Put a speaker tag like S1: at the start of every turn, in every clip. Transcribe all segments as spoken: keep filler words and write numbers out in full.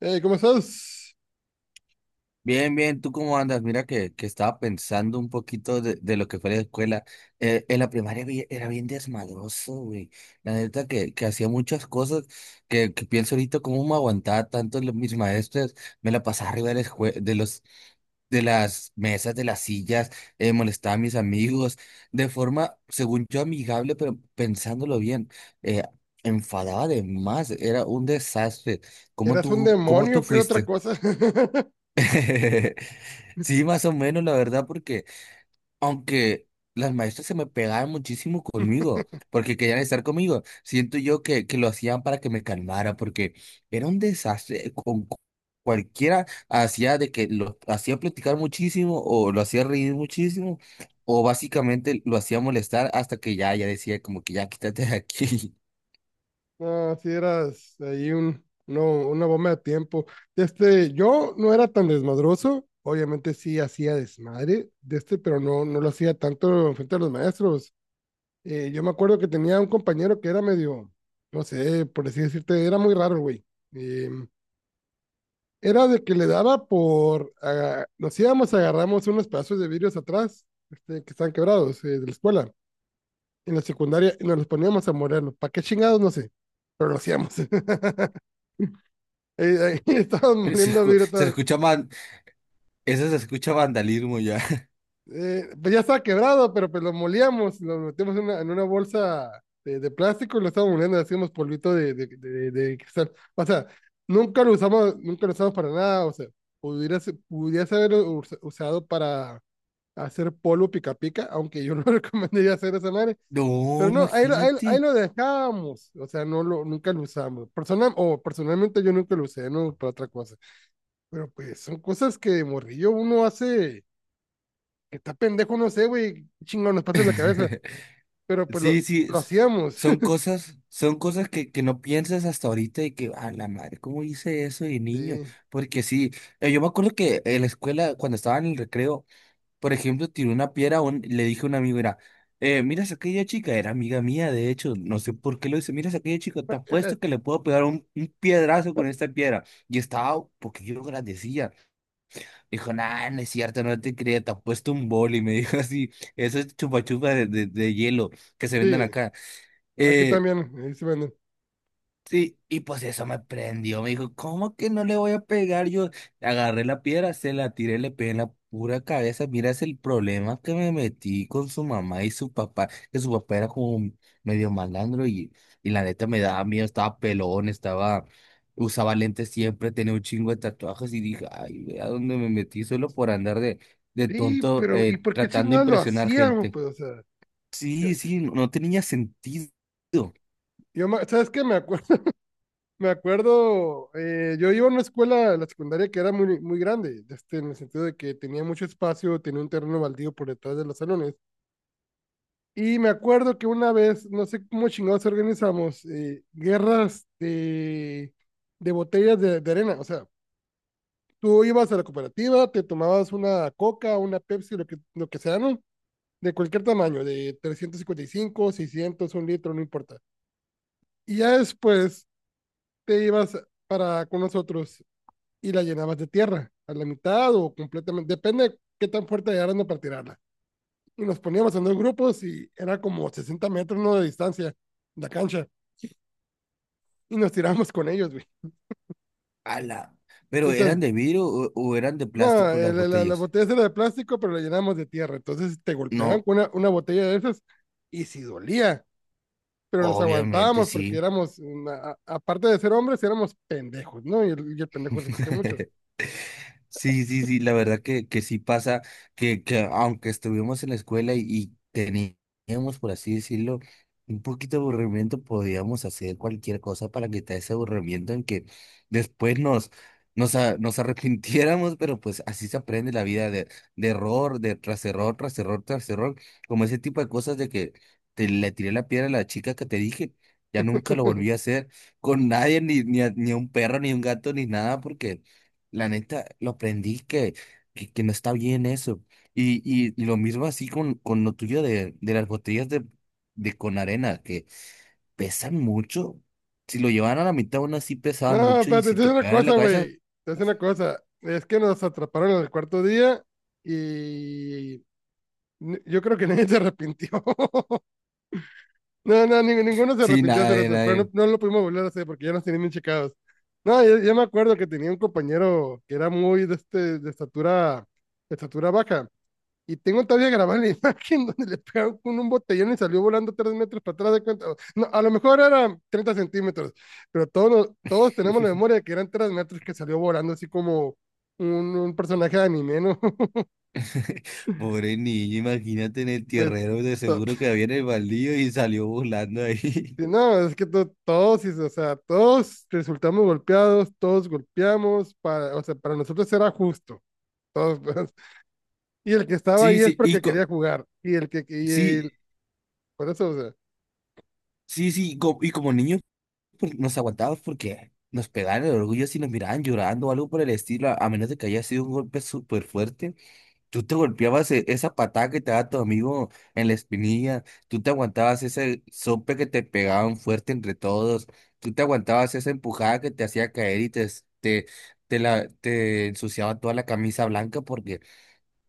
S1: Hey, ¿cómo estás?
S2: Bien, bien, ¿tú cómo andas? Mira que, que estaba pensando un poquito de, de lo que fue la escuela. Eh, en la primaria vi- era bien desmadroso, güey. La neta que, que hacía muchas cosas que, que pienso ahorita cómo me aguantaba tanto los, mis maestros. Me la pasaba arriba de, la escue- de, los, de las mesas, de las sillas, eh, molestaba a mis amigos de forma, según yo, amigable, pero pensándolo bien, eh, enfadaba de más. Era un desastre. ¿Cómo
S1: ¿Eras un
S2: tú, cómo tú
S1: demonio? ¿Qué otra
S2: fuiste?
S1: cosa?
S2: Sí, más o menos, la verdad, porque aunque las maestras se me pegaban muchísimo conmigo, porque querían estar conmigo, siento yo que, que lo hacían para que me calmara, porque era un desastre. Con cu- cualquiera hacía de que lo hacía platicar muchísimo, o lo hacía reír muchísimo, o básicamente lo hacía molestar hasta que ya, ya decía como que ya quítate de aquí.
S1: No, sí eras ahí un, no, una bomba de tiempo. Este, yo no era tan desmadroso, obviamente sí hacía desmadre de este, pero no, no lo hacía tanto frente a los maestros. Eh, yo me acuerdo que tenía un compañero que era medio, no sé, por así decirte, era muy raro, güey. Eh, Era de que le daba por, aga- nos íbamos, agarramos unos pedazos de vidrios atrás, este, que están quebrados, eh, de la escuela en la secundaria y nos los poníamos a molerlos. ¿Para qué chingados? No sé, pero lo hacíamos. Eh, ahí estábamos
S2: Se,
S1: moliendo
S2: escu- se
S1: virutas.
S2: escucha man, eso se escucha vandalismo ya.
S1: Eh, pues ya estaba quebrado, pero pues lo molíamos, lo metíamos en una, en una bolsa de, de, plástico y lo estábamos moliendo, le hacíamos polvito de de, de, de cristal. O sea, nunca lo usamos, nunca lo usamos para nada, o sea, pudiera, pudiera haber usado para hacer polvo pica pica, aunque yo no recomendaría hacer esa madre. Pero
S2: No,
S1: no, ahí, lo- ahí, lo- ahí
S2: imagínate.
S1: lo dejamos, o sea, no lo, nunca lo usamos. Personal, o personalmente yo nunca lo usé, no, para otra cosa. Pero pues son cosas que de morrillo uno hace, que está pendejo, no sé, güey, qué chingón, nos pasa en la cabeza. Pero pues
S2: Sí,
S1: lo,
S2: sí,
S1: lo
S2: s-
S1: hacíamos.
S2: son cosas, son cosas que, que no piensas hasta ahorita y que, a la madre, ¿cómo hice eso de niño?
S1: Sí,
S2: Porque sí, eh, yo me acuerdo que en la escuela, cuando estaba en el recreo, por ejemplo, tiré una piedra, a un- le dije a un amigo, mira, eh, miras a aquella chica, era amiga mía, de hecho, no sé por qué lo hice, miras a aquella chica, te apuesto que le puedo pegar un, un piedrazo con esta piedra. Y estaba, porque yo lo agradecía, dijo, nah, no es cierto, no te creía, te apuesto un boli, me dijo así, eso es chupa chupa de, de de hielo que se vendan
S1: sí,
S2: acá.
S1: aquí
S2: Eh,
S1: también, ahí se venden.
S2: sí, y pues eso me prendió. Me dijo, ¿cómo que no le voy a pegar? Yo agarré la piedra, se la tiré, le pegué en la pura cabeza. Mira, es el problema que me metí con su mamá y su papá, que su papá era como un medio malandro y, y la neta me daba miedo, estaba pelón, estaba, usaba lentes siempre, tenía un chingo de tatuajes y dije, ay, vea dónde me metí solo por andar de, de
S1: Sí,
S2: tonto,
S1: pero ¿y
S2: eh,
S1: por qué
S2: tratando de
S1: chingados lo
S2: impresionar
S1: hacíamos?
S2: gente.
S1: Pues, o sea, yo,
S2: Sí, sí, no no tenía sentido.
S1: yo me- ¿sabes qué? Me acuerdo. Me acuerdo, eh, yo iba a una escuela, la secundaria, que era muy, muy grande, este, en el sentido de que tenía mucho espacio, tenía un terreno baldío por detrás de los salones. Y me acuerdo que una vez, no sé cómo chingados organizamos, eh, guerras de de botellas de de arena. O sea, tú ibas a la cooperativa, te tomabas una Coca, una Pepsi, lo que, lo que sea, ¿no? De cualquier tamaño, de trescientos cincuenta y cinco, seiscientos, un litro, no importa. Y ya después te ibas para con nosotros y la llenabas de tierra, a la mitad o completamente, depende de qué tan fuerte eran para tirarla. Y nos poníamos en dos grupos y era como sesenta metros, ¿no?, de distancia la cancha y nos tiramos con ellos, güey.
S2: Ala. ¿Pero
S1: Entonces,
S2: eran de vidrio o, o eran de
S1: no,
S2: plástico
S1: la,
S2: las
S1: la, la
S2: botellas?
S1: botella era de plástico, pero la llenamos de tierra. Entonces te golpeaban
S2: No,
S1: con una, una botella de esas y si dolía, pero nos
S2: obviamente
S1: aguantábamos porque
S2: sí.
S1: éramos, una- a- aparte de ser hombres, éramos pendejos, ¿no? Y el, y el pendejo resiste mucho.
S2: Sí, sí, sí, la verdad que, que sí pasa, que, que aunque estuvimos en la escuela y, y teníamos, por así decirlo, un poquito de aburrimiento, podíamos hacer cualquier cosa para quitar ese aburrimiento en que después nos, nos, a- nos arrepintiéramos, pero pues así se aprende la vida de, de error, de tras error, tras error, tras error, como ese tipo de cosas de que te le tiré la piedra a la chica que te dije, ya nunca lo volví a hacer con nadie, ni, ni a, ni a un perro, ni a un gato, ni nada, porque... La neta, lo aprendí que, que, que no está bien eso. Y, y, y lo mismo así con, con lo tuyo de, de las botellas de, de con arena, que pesan mucho. Si lo llevaban a la mitad, aún así pesaban
S1: No,
S2: mucho y
S1: espérate,
S2: si
S1: te voy a
S2: te
S1: decir una
S2: pegan en la
S1: cosa,
S2: cabeza,
S1: güey. Te voy a decir una cosa. Es que nos atraparon en el cuarto día y n- yo creo que nadie se arrepintió. No, no, ni- ninguno se
S2: sí,
S1: arrepintió
S2: nada,
S1: de hacer
S2: de
S1: eso,
S2: nada.
S1: pero no,
S2: de-
S1: no lo pudimos volver a hacer porque ya nos tenían bien checados. No, yo, yo me acuerdo que tenía un compañero que era muy de, este, de estatura, de estatura baja. Y tengo todavía grabada la imagen donde le pegaron con un botellón y salió volando tres metros para atrás de cuenta. No, a lo mejor eran treinta centímetros, pero todos, todos tenemos la memoria de que eran tres metros que salió volando así como un, un personaje de anime, ¿no?
S2: Pobre niño, imagínate en el
S1: Pues,
S2: tierrero, de
S1: to-
S2: seguro que había en el baldío y salió volando ahí.
S1: sí, no, es que to- todos, sí, o sea, todos resultamos golpeados, todos golpeamos, para, o sea, para nosotros era justo, todos, pues, y el que estaba
S2: Sí,
S1: ahí es
S2: sí, y
S1: porque
S2: co-
S1: quería jugar, y el que, y el-
S2: sí,
S1: por eso, o sea.
S2: sí, sí, y co- y como niño. Por- nos aguantábamos porque nos pegaban el orgullo si nos miraban llorando o algo por el estilo, a a menos de que haya sido un golpe súper fuerte. Tú te golpeabas e- esa patada que te daba tu amigo en la espinilla, tú te aguantabas ese sope que te pegaban fuerte entre todos, tú te aguantabas esa empujada que te hacía caer y te, es- te, te, la, te ensuciaba toda la camisa blanca porque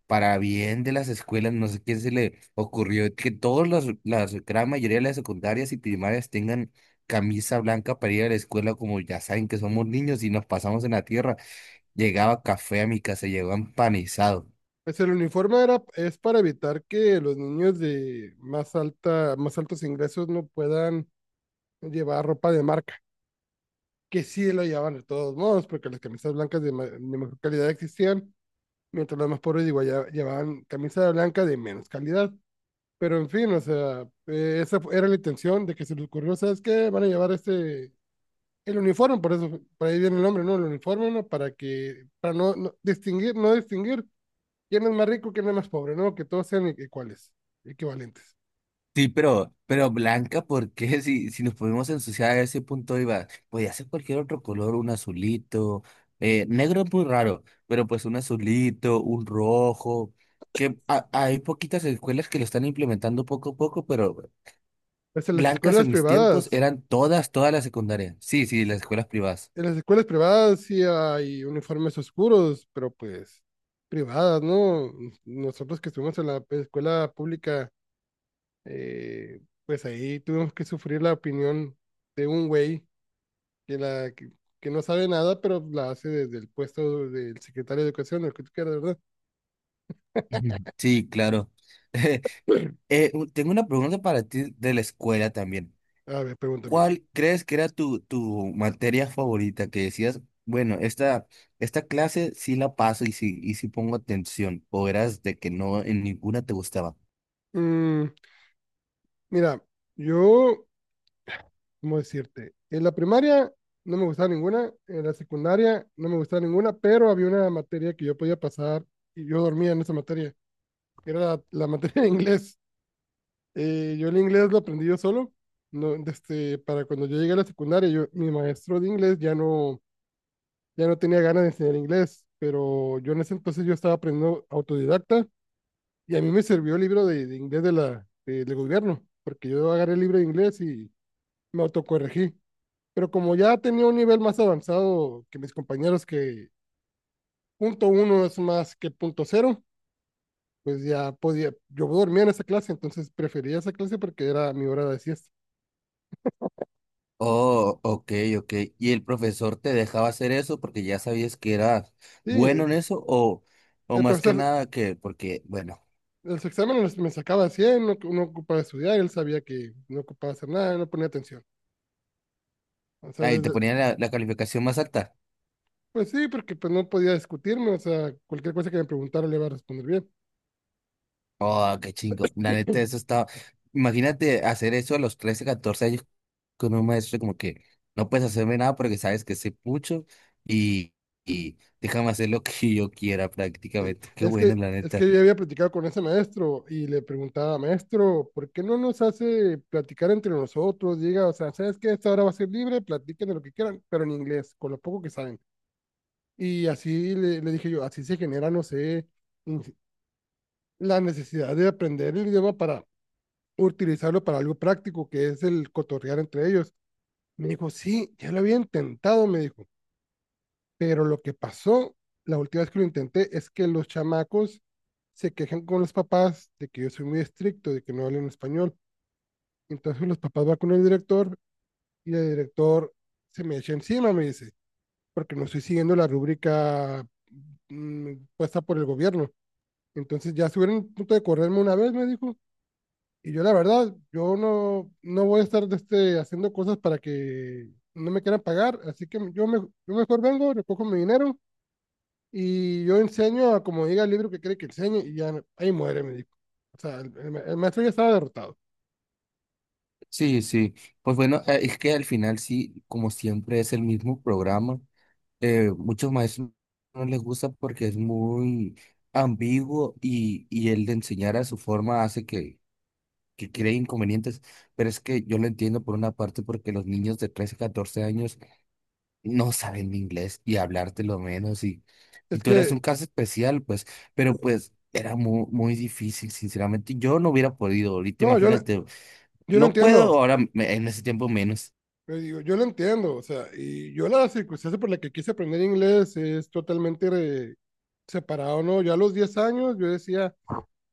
S2: para bien de las escuelas, no sé quién se le ocurrió que todas las, las gran mayoría de las secundarias y primarias tengan camisa blanca para ir a la escuela, como ya saben que somos niños y nos pasamos en la tierra. Llegaba café a mi casa, llegaba empanizado.
S1: Pues el uniforme era, es para evitar que los niños de más alta, más altos ingresos no puedan llevar ropa de marca, que sí lo llevaban de todos modos, porque las camisas blancas de, ma- de mejor calidad existían, mientras los más pobres igual ya- llevaban camisa blanca de menos calidad. Pero en fin, o sea, eh, esa fu- era la intención de que se les ocurrió, ¿sabes qué? Van a llevar este, el uniforme, por eso, por ahí viene el nombre, ¿no? El uniforme, ¿no? Para que, para no, no distinguir, no distinguir quién es más rico, quién es más pobre, ¿no? Que todos sean iguales, equivalentes.
S2: Sí, pero, pero blanca, ¿por qué? Si, si nos podemos ensuciar a ese punto, iba, podía ser cualquier otro color, un azulito, eh, negro es muy raro, pero pues un azulito, un rojo que a- hay poquitas escuelas que lo están implementando poco a poco, pero
S1: Pues en las
S2: blancas
S1: escuelas
S2: en mis tiempos
S1: privadas,
S2: eran todas, todas las secundarias. Sí, sí,
S1: sí,
S2: las escuelas privadas.
S1: en las escuelas privadas sí hay uniformes oscuros, pero pues privadas, ¿no? Nosotros que estuvimos en la escuela pública, eh, pues ahí tuvimos que sufrir la opinión de un güey que, la, que, que no sabe nada, pero la hace desde el puesto del secretario de Educación, el que tú quieras, ¿verdad?
S2: Ujú. Sí, claro. Eh, u- tengo una pregunta para ti de la escuela también.
S1: A ver, pregúntame.
S2: ¿Cuál crees que era tu, tu materia favorita que decías, bueno, esta, esta clase sí la paso y sí, y sí pongo atención? ¿O eras de que no en ninguna te gustaba?
S1: Mm, Mira, yo, ¿cómo decirte? En la primaria no me gustaba ninguna, en la secundaria no me gustaba ninguna, pero había una materia que yo podía pasar y yo dormía en esa materia, era la, la materia de inglés. Eh, yo el inglés lo aprendí yo solo, no, este, para cuando yo llegué a la secundaria, yo, mi maestro de inglés ya no, ya no tenía ganas de enseñar inglés, pero yo en ese entonces yo estaba aprendiendo autodidacta y a mí me sirvió el libro de de inglés de la, de- del gobierno, porque yo agarré el libro de inglés y me autocorregí. Pero como ya tenía un nivel más avanzado que mis compañeros, que punto uno es más que punto cero, pues ya podía, yo dormía en esa clase, entonces prefería esa clase porque era mi hora de siesta.
S2: Oh, ok, ok. ¿Y el profesor te dejaba hacer eso porque ya sabías que eras
S1: Sí, el
S2: bueno en eso? ¿O, o más que
S1: profesor,
S2: nada que porque, bueno.
S1: los exámenes me sacaba cien, no, no ocupaba estudiar, él sabía que no ocupaba hacer nada, no ponía atención. O sea,
S2: Ahí te
S1: desde,
S2: ponían la, la calificación más alta.
S1: pues sí, porque pues no podía discutirme, o sea, cualquier cosa que me preguntara le iba a responder bien.
S2: Oh, qué chingo. La neta, eso estaba. Imagínate hacer eso a los trece, catorce años con un maestro, como que no puedes hacerme nada porque sabes que soy pucho y, y déjame hacer lo que yo quiera
S1: Sí,
S2: prácticamente. Qué
S1: Es que,
S2: bueno, la
S1: es
S2: neta.
S1: que yo había platicado con ese maestro y le preguntaba, maestro, ¿por qué no nos hace platicar entre nosotros? Diga, o sea, ¿sabes qué? Esta hora va a ser libre, platiquen de lo que quieran, pero en inglés, con lo poco que saben. Y así le, le dije yo, así se genera, no sé, in- la necesidad de aprender el idioma para utilizarlo para algo práctico, que es el cotorrear entre ellos. Me dijo, sí, ya lo había intentado, me dijo. Pero lo que pasó la última vez que lo intenté es que los chamacos se quejan con los papás de que yo soy muy estricto, de que no hablan español. Entonces los papás van con el director y el director se me echa encima, me dice, porque no estoy siguiendo la rúbrica, mm, puesta por el gobierno. Entonces ya estuvieron a punto de correrme una vez, me dijo. Y yo la verdad, yo no, no voy a estar de este, haciendo cosas para que no me quieran pagar, así que yo, me, yo mejor vengo, recojo mi dinero y yo enseño a como diga el libro que cree que enseñe, y ya ahí muere, me dijo. O sea, el, el ma- el maestro ya estaba derrotado.
S2: Sí, sí. Pues bueno, eh, es que al final sí, como siempre es el mismo programa. Eh, muchos maestros no les gusta porque es muy ambiguo y, y el de enseñar a su forma hace que que cree inconvenientes, pero es que yo lo entiendo por una parte porque los niños de trece catorce años no saben inglés y hablarte lo menos y, y
S1: Es
S2: tú eras un
S1: que,
S2: caso especial, pues, pero pues era muy, muy difícil, sinceramente, yo no hubiera podido, ahorita
S1: no, yo, le-
S2: imagínate,
S1: Yo lo
S2: no puedo
S1: entiendo.
S2: ahora me- en ese tiempo menos.
S1: Le digo, yo lo entiendo. O sea, y yo la circunstancia por la que quise aprender inglés es totalmente re- separado, ¿no? Yo a los diez años yo decía,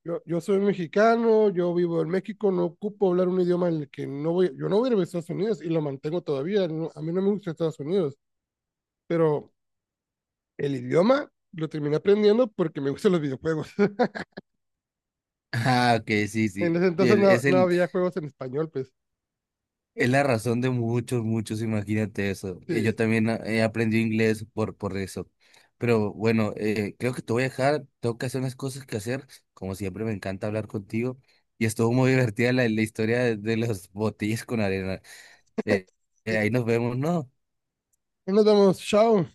S1: yo, yo soy mexicano, yo vivo en México, no ocupo hablar un idioma en el que no voy, yo no voy a ir a Estados Unidos, y lo mantengo todavía. No- a mí no me gusta Estados Unidos, pero el idioma lo terminé aprendiendo porque me gustan los videojuegos.
S2: Ah, ok, sí,
S1: En
S2: sí,
S1: ese entonces
S2: el-
S1: no,
S2: es
S1: no
S2: el.
S1: había juegos en español, pues.
S2: Es la razón de muchos, muchos, imagínate eso. Eh, Yo
S1: Sí.
S2: también ah, he aprendido inglés por, por eso. Pero bueno, eh, creo que te voy a dejar, tengo que hacer unas cosas que hacer. Como siempre, me encanta hablar contigo. Y estuvo muy divertida la, la historia de, de los botellas con arena. Eh, eh, ahí nos vemos, ¿no?
S1: Nos vemos. Chao.